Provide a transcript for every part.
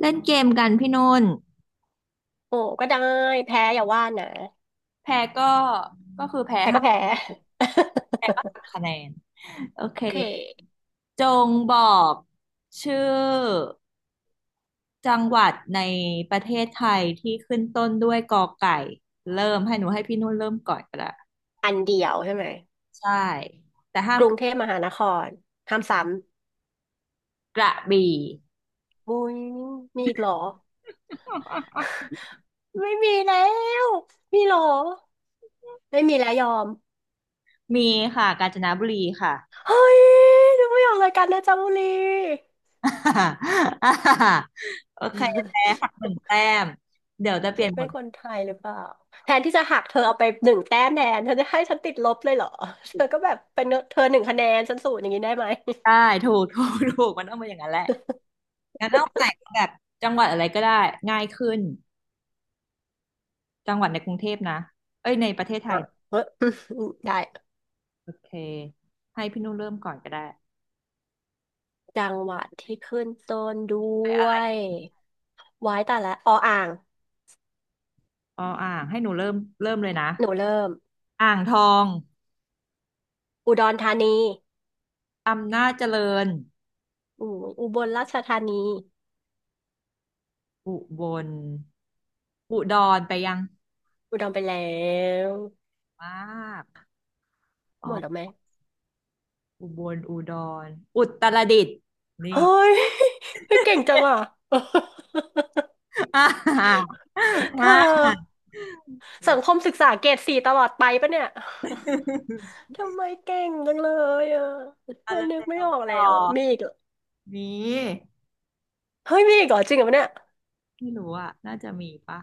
เล่นเกมกันพี่นุ่นโอ้ก็ได้แพ้อย่าว่านะแพ้ก็ก็คือแพ้แพ้หัก็แพ้ ก คะแนน โอโอเค เคจงบอกชื่อจังหวัดในประเทศไทยที่ขึ้นต้นด้วยกอไก่ เริ่มให้หนูให้พี่นุ่นเริ่มก่อนก็ได้อันเดียวใช่ไหมใช่ แต่ห้ากมรุงเทพมหานครห้ามซ้กระบี่ำมุ้ยมีอีกเหรอ ไม่มีแล้วมีเหรอไม่มีแล้วยอมมีค่ะกาญจนบุรีค่ะ เฮ้ยดูไม่ออกรายการนะจ๊ะบุรี โอเคแพ้หั กหนึ่งแต้มเดี๋ยวจะเปฉัลี่ยนนหมเป็วนดคนไทยหรือเปล่าแทนที่จะหักเธอเอาไปหนึ่งแต้มแทนเธอจะให้ฉันติดลบเลยเหรอ เธอก็แบบเป็นเธอหนึ่งคะแนนฉันศูนย์อย่างนี้ได้ไหมได้ถูกมันต้องเป็นอย่างนั้นแหละ งั้นเอาใหม่แบบจังหวัดอะไรก็ได้ง่ายขึ้นจังหวัดในกรุงเทพนะเอ้ยในประเทศไทอ่ะยเฮ้ย ได้ โอเคให้พี่นุ่นเริ่มก่อนก็ได้จังหวัดที่ขึ้นต้นด้วยไว้แต่ละอออ่างอ๋ออ่างให้หนูเริ่มเริ่มเลยนะหนูเริ่มอ่างทองอุดรธานีอำนาจเจริญอืมอุบลราชธานีอุบลอุดรไปยังอุดรไปแล้วมากอ๋อหมดแล้วไหมอุบลอุดรอุตรดิตถ์นี่ เฮ้ย เฮ้ยเก่งจังอ่ะ อ่า เธมา อ สัเงคมศึกษาเกรดสี่ตลอดไปปะเนี่ย ทำไมเก่งจังเลยอ่ะอ่ะไม่เริ่มนึกไม่แล้วออกต่แล้อวมีอีกเหรอมีเฮ้ยมีอีกเหรอจริงเหรอเนี่ยไม่รู้อ่ะน่าจะมีปะ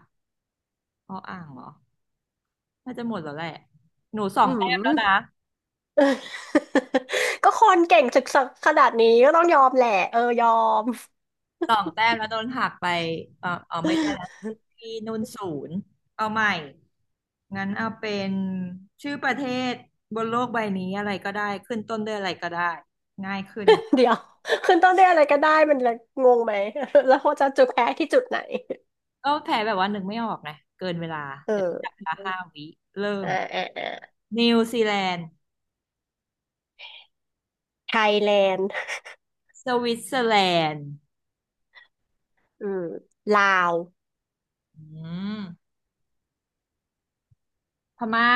อ้ออ่างเหรอ น่าจะหมดแล้วแหละ หนูสออืงแต้มแล้วนะม ก็คนเก่งศึกษาขนาดนี้ก็ต้องยอมแหละเออยอม สองแต้มแล้วโดนหักไป เออเอาไม่ได้แล้ว ที่นุ่นศูนย์ เอาใหม่ งั้นเอาเป็นชื่อประเทศบนโลกใบนี้อะไรก็ได้ ขึ้นต้นด้วยอะไรก็ได้ ง่ายขึ้นไหมเดี๋ยวขึ้นต้นด้วยอะไรก็ได้มันเลยงงไหม แล้วเขาจะจุดแพ้ที่จุดไหนก็แพ้แบบว่านึกไม่ออกนะเกินเวลาเออเดี๋ยวจับเวลาห้าวิเริ่มอ่าอ่าอ่านิวซีแลนด์ไทยแลนด์สวิตเซอร์แลนด์อืมลาวอืมพม่า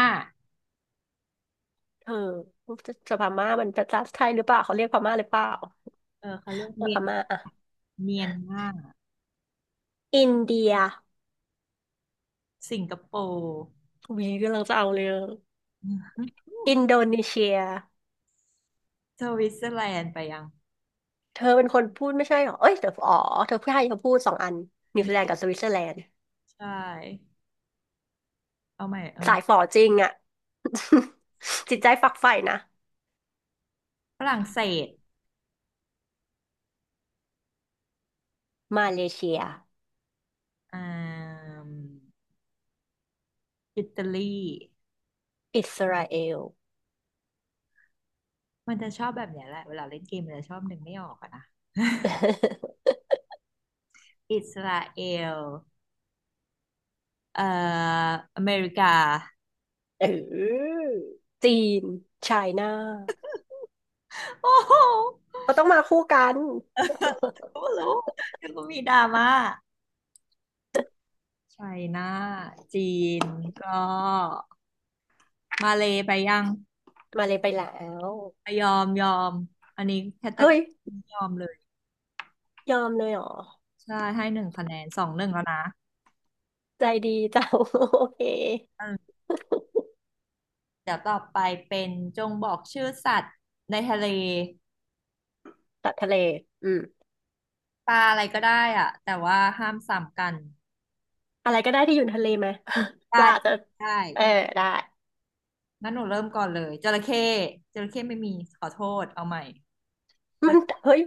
เออจะจะพม่ามันเป็นภาษาไทยหรือเปล่าเขาเรียกพม่าหรือเปล่าเออเขาเรียกเออเมีพยนม่าอ่ะเมียนมาอินเดียสิงคโปร์ วีกำลังจะเอาเลยอินโดนีเซียสวิตเซอร์แลนด์ไปยังเธอเป็นคนพูดไม่ใช่เหรอเอ้ยเธออ๋อเธอพูดให้เธอพูดสองอันนิวซีแลนด์กับสวิตเซอร์แลนด์ ใช่เอาใหม่เอางั้สานยฝอจริงอ่ะ จิตใจฝักใฝ่นะฝรั่งเศสมาเลเซียอ่ามอิตาลีอิสราเอล มันจะชอบแบบเนี้ยแหละเวลาเล่นเกมมันจะชอบนึกไม่ออกอะนะ อิสราเอลเอ่ออเมริกาเออจีนไชน่าโอ้โหก็ต้องมาคู่กันรู้แล้วก็มีดราม่าไชน่าจีนก็มาเลยไปยังมาเลยไปแล้วยอมยอมอันนี้แคตตาเฮ้กยรียอมเลยยอมเลยเหรอใช่ให้หนึ่งคะแนนสองหนึ่งแล้วนะใจดีจัง โอเคเออ เดี๋ยวต่อไปเป็นจงบอกชื่อสัตว์ในทะเลตัดทะเลอืมปลาอะไรก็ได้อะแต่ว่าห้ามซ้ำกันอะไรก็ได้ที่อยู่ในทะเลไหม ปได้ลาจะไดเออ้ได้งั้นหนูเริ่มก่อนเลยจระเข้จระเข้ไม่มีขอโทษเอาใหม่มันเฮ้ย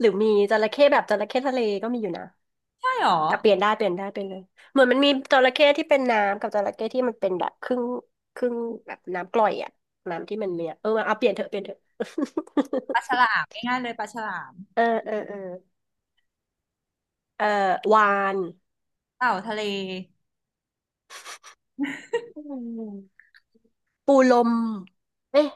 หรือมีจระเข้แบบจระเข้ทะเลก็มีอยู่นะ ใช่หรอแต่เปลี่ยนได้เปลี่ยนได้เป็นเลยเหมือนมันมีจระเข้ที่เป็นน้ำกับจระเข้ที่มันเป็นแบบครึ่งครึ่งแบบน้ำกร่อยอ่ะน้ำที่มันเนี่ยเออเอาเปลี่ยนเถอะเปลี่ยนเถอะ ปลาฉ ลามง่ายๆเลยปลาฉลามเออเออเออเออวานเต่าทะเลอืมปูลมเอ๊ะ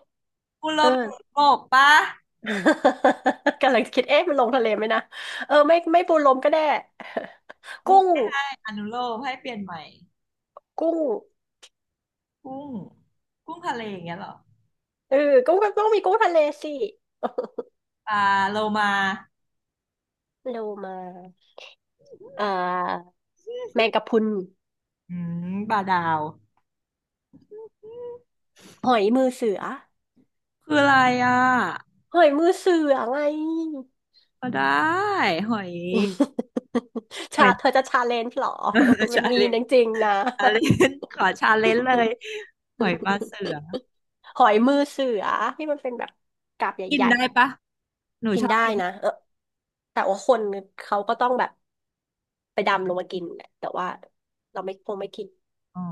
คุณลเออ มเห็กปะ กำลังคิดเอ๊ะมันลงทะเลไหมนะเออไม่ไม่ปูลมก็ได้ กุ้งไม่ให้อนุโลมให้เปลี่ยนใหม่กุ้งกุ้งกุ้งทะเลอย่างเงี้ยเหรอเออกุ้งก็ต้องมีกุ้งทะเลสิปลาโลมาโลมาเอ่อแมงกะพรุนอืมปลาดาวหอยมือเสือ คืออะไรอ่ะหอยมือเสือไง ก็ได้หอย หชาอย เธอจะชาเลนจ์หรอ มันชามีเลนจริงๆนะ ชาเลน ขอชาเลนเลย หอยปลาเสือหอยมือเสือที่มันเป็นแบบกาบกิใหนญ่ได้ปะหนูๆกิชนอบได้กินนะเออแต่ว่าคนเขาก็ต้องแบบไปดำลงมากินแหละแต่ว่าเราไม่คงไม่กินอ๋อ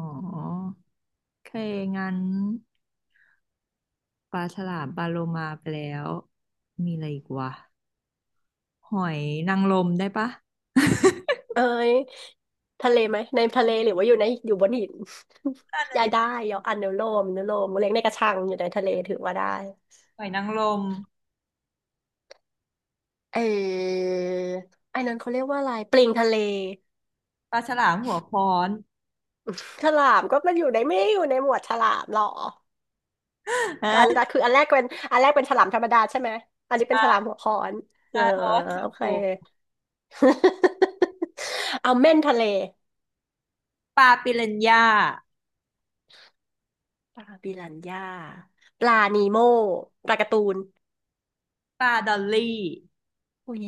โอเคงั้นปลาฉลามปลาโลมาไปแล้วมีอะไรอีกวะหอยนางรมได้ปะเอ้ยทะเลไหมในทะเลหรือว่าอยู่ในอยู่บนหิน นั่น น่ะยายได้ดิยออนุโลมอนุโลมเลี้ยงในกระชังอยู่ในทะเลถือว่าได้ หอยนางรมเออไอ้นั้นเขาเรียกว่าอะไรปลิงทะเลปลาฉลามหัวค้อน ฉลามก็มันอยู่ในไม่ได้อยู่ในหมวดฉลามหรอ อันแรฮะกคืออันแรกเป็นอันแรกเป็นฉลามธรรมดาใช่ไหมอันใชนี้เป็นฉลาม่หัวค้อนเอใช่อเพราะว่าขี้โอโกเค ง เอาเม่นทะเลปลาปิรันย่าปลาบิรันย่าปลานีโม่ปลาการ์ตูนปลาดอลลี่อุ้ย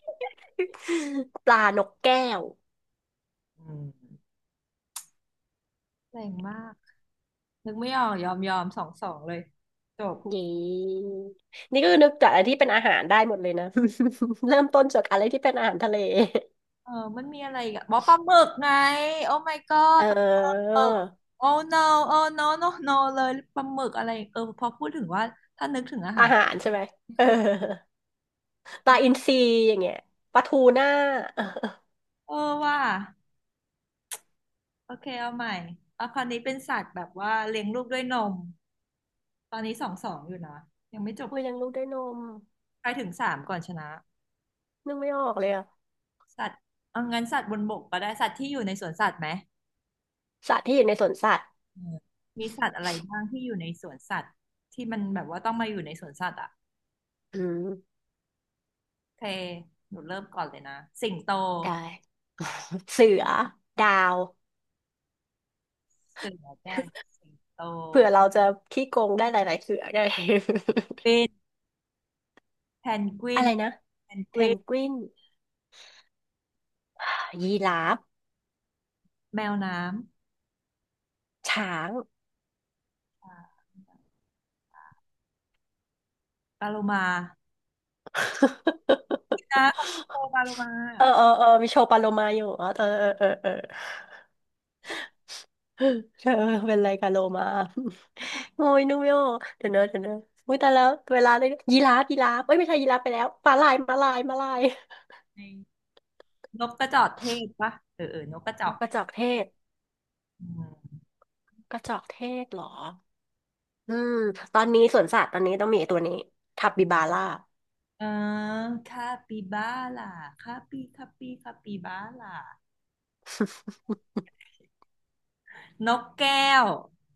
ปลานกแก้วอืมแรงมากนึกไม่ออกยอมยอมสองสองเลยจบ เย้นี่ก็นึกจากอะไรที่เป็นอาหารได้หมดเลยนะ เริ่มต้นจากอะไรที่เป็นอาหารทะเล เออมันมีอะไรอีกอะบอกปลาหมึกไงโอ้ my เ god ปลาออหมึก oh no oh no no เลยปลาหมึกอะไรเออพอพูดถึงว่าถ้านึกถึงอาหาอารหารใช่ไหมเออ ปลาอินทรีอย่างเงี้ยปลาทูน่า เออเออว่าโอเคเอาใหม่เอาคราวนี้เป็นสัตว์แบบว่าเลี้ยงลูกด้วยนมตอนนี้สองสองอยู่นะยังไม่จบโอ้ยเลี้ยังลูกด้วยนมไปถึงสามก่อนชนะนึกไม่ออกเลยอะสัตว์เอางั้นสัตว์บนบกก็ได้สัตว์ที่อยู่ในสวนสัตว์ไหมสัตว์ที่อยู่ในสวนสัตว์เออมีสัตว์อะไรบ้างที่อยู่ในสวนสัตว์ที่มันแบบว่าต้องมาอยู่ในสวนสัตว์อ่ะอืมโอเคหนูเริ่มก่อนเลยนะสิงโต ได้เสือดาวเสือจ้ะสิงโตเผื่อเราจะขี้โกงได้หลายๆเสือได้ เป็นแพนก วิอะนไรนะแพนกเพวินนกวินยีราฟแมวน้ช้าง ำอ่าปลาโลมานะเขาเป็นโตปลาโลมาเออเออเออมีโชว์ปลาโลมาอยู่อ๋อเออเออเออเออ เธอเป็นไรกับโลมา โอ้ยนุ่มโยเดี๋ยวเนอะเดี๋ยวเนอะอุ้ยแต่แล้วเวลาเลยยีราฟยีราฟเอ้ยไม่ใช่ยีราฟไปแล้วม้าลายม้าลายม้าลายในนกกระจอกเทศปะเออเออนกกระจอนกกกระจอกเทศอืมกระจอกเทศเหรออืมตอนนี้สวนสัตว์ตอนนี้ต้องมีไอ้ตัวนี้ทับบิบาร่า เออคาปิบาร่าคาปิบาร่านกแก้ว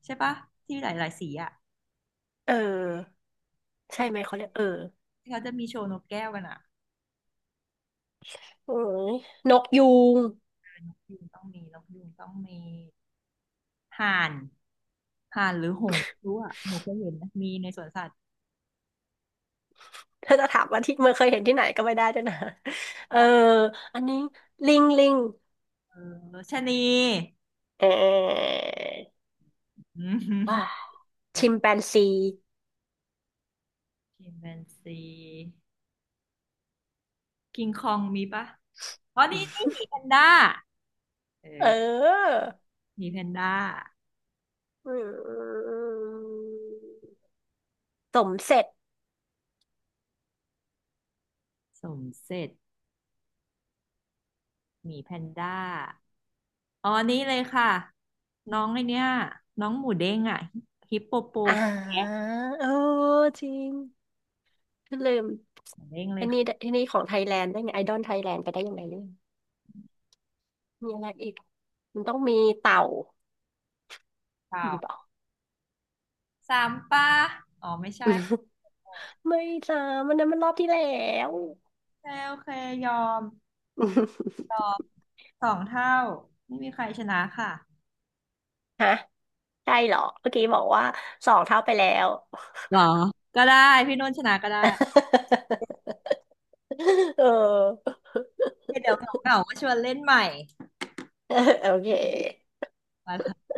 ใช่ปะที่หลายๆสีอ่ะ เออใช่ไหมเขาเรียกเออที่เขาจะมีโชว์นกแก้วกันอ่ะโอ้ยนกยูงยูงต้องมีนกยูงต้องมีห่านห่านหรือหงส์ไม่รู้อ่ะหนูเคยเห็นนะมีในสวนสัตว์ ถ้าจะถามว่าที่เมื่อเคยเห็นที่ไหนก็ไม่ได้ด้วยนะ เอออันนี้ลิงลิงเออชะนีเอออืว่ามเดชิมแปนซี ชิมแปนซีกิงคองมีปะอ๋อนี่นี่หมีแพนด้าเอเอออหมีแพนด้าอืมสมเสร็จสมเสร็จหมีแพนด้า อ๋อนี่เลยค่ะน้องไอเนี้ยน้องหมูเด้งอ่ะฮิปโปโปอ่แคะาเออจริงลืมหมูเด้งเลอัยนนี้ค่ะอันนี้ของไทยแลนด์ได้ไงไอดอลไทยแลนด์ไปได้ยังไงเนี่ยมีอะไรอีกมันต้องมีเต่าข่าวมีเปล่า สามป้าอ๋อไม่ใช่ ไม่จ้า มันนั้นมันรอบที่แล้ว โอเคโอเคยอมตอบสองเท่าไม่มีใครชนะค่ะ ฮะ ใช่เหรอเมื่อกี้บอกว่าสองเท่าไปแล้ว เหรอ ก็ได้พี่นุ่นชนะก็ได้ เออ เดี๋ยวเหงาๆก็ชวนเล่นใหม่ โอเคไป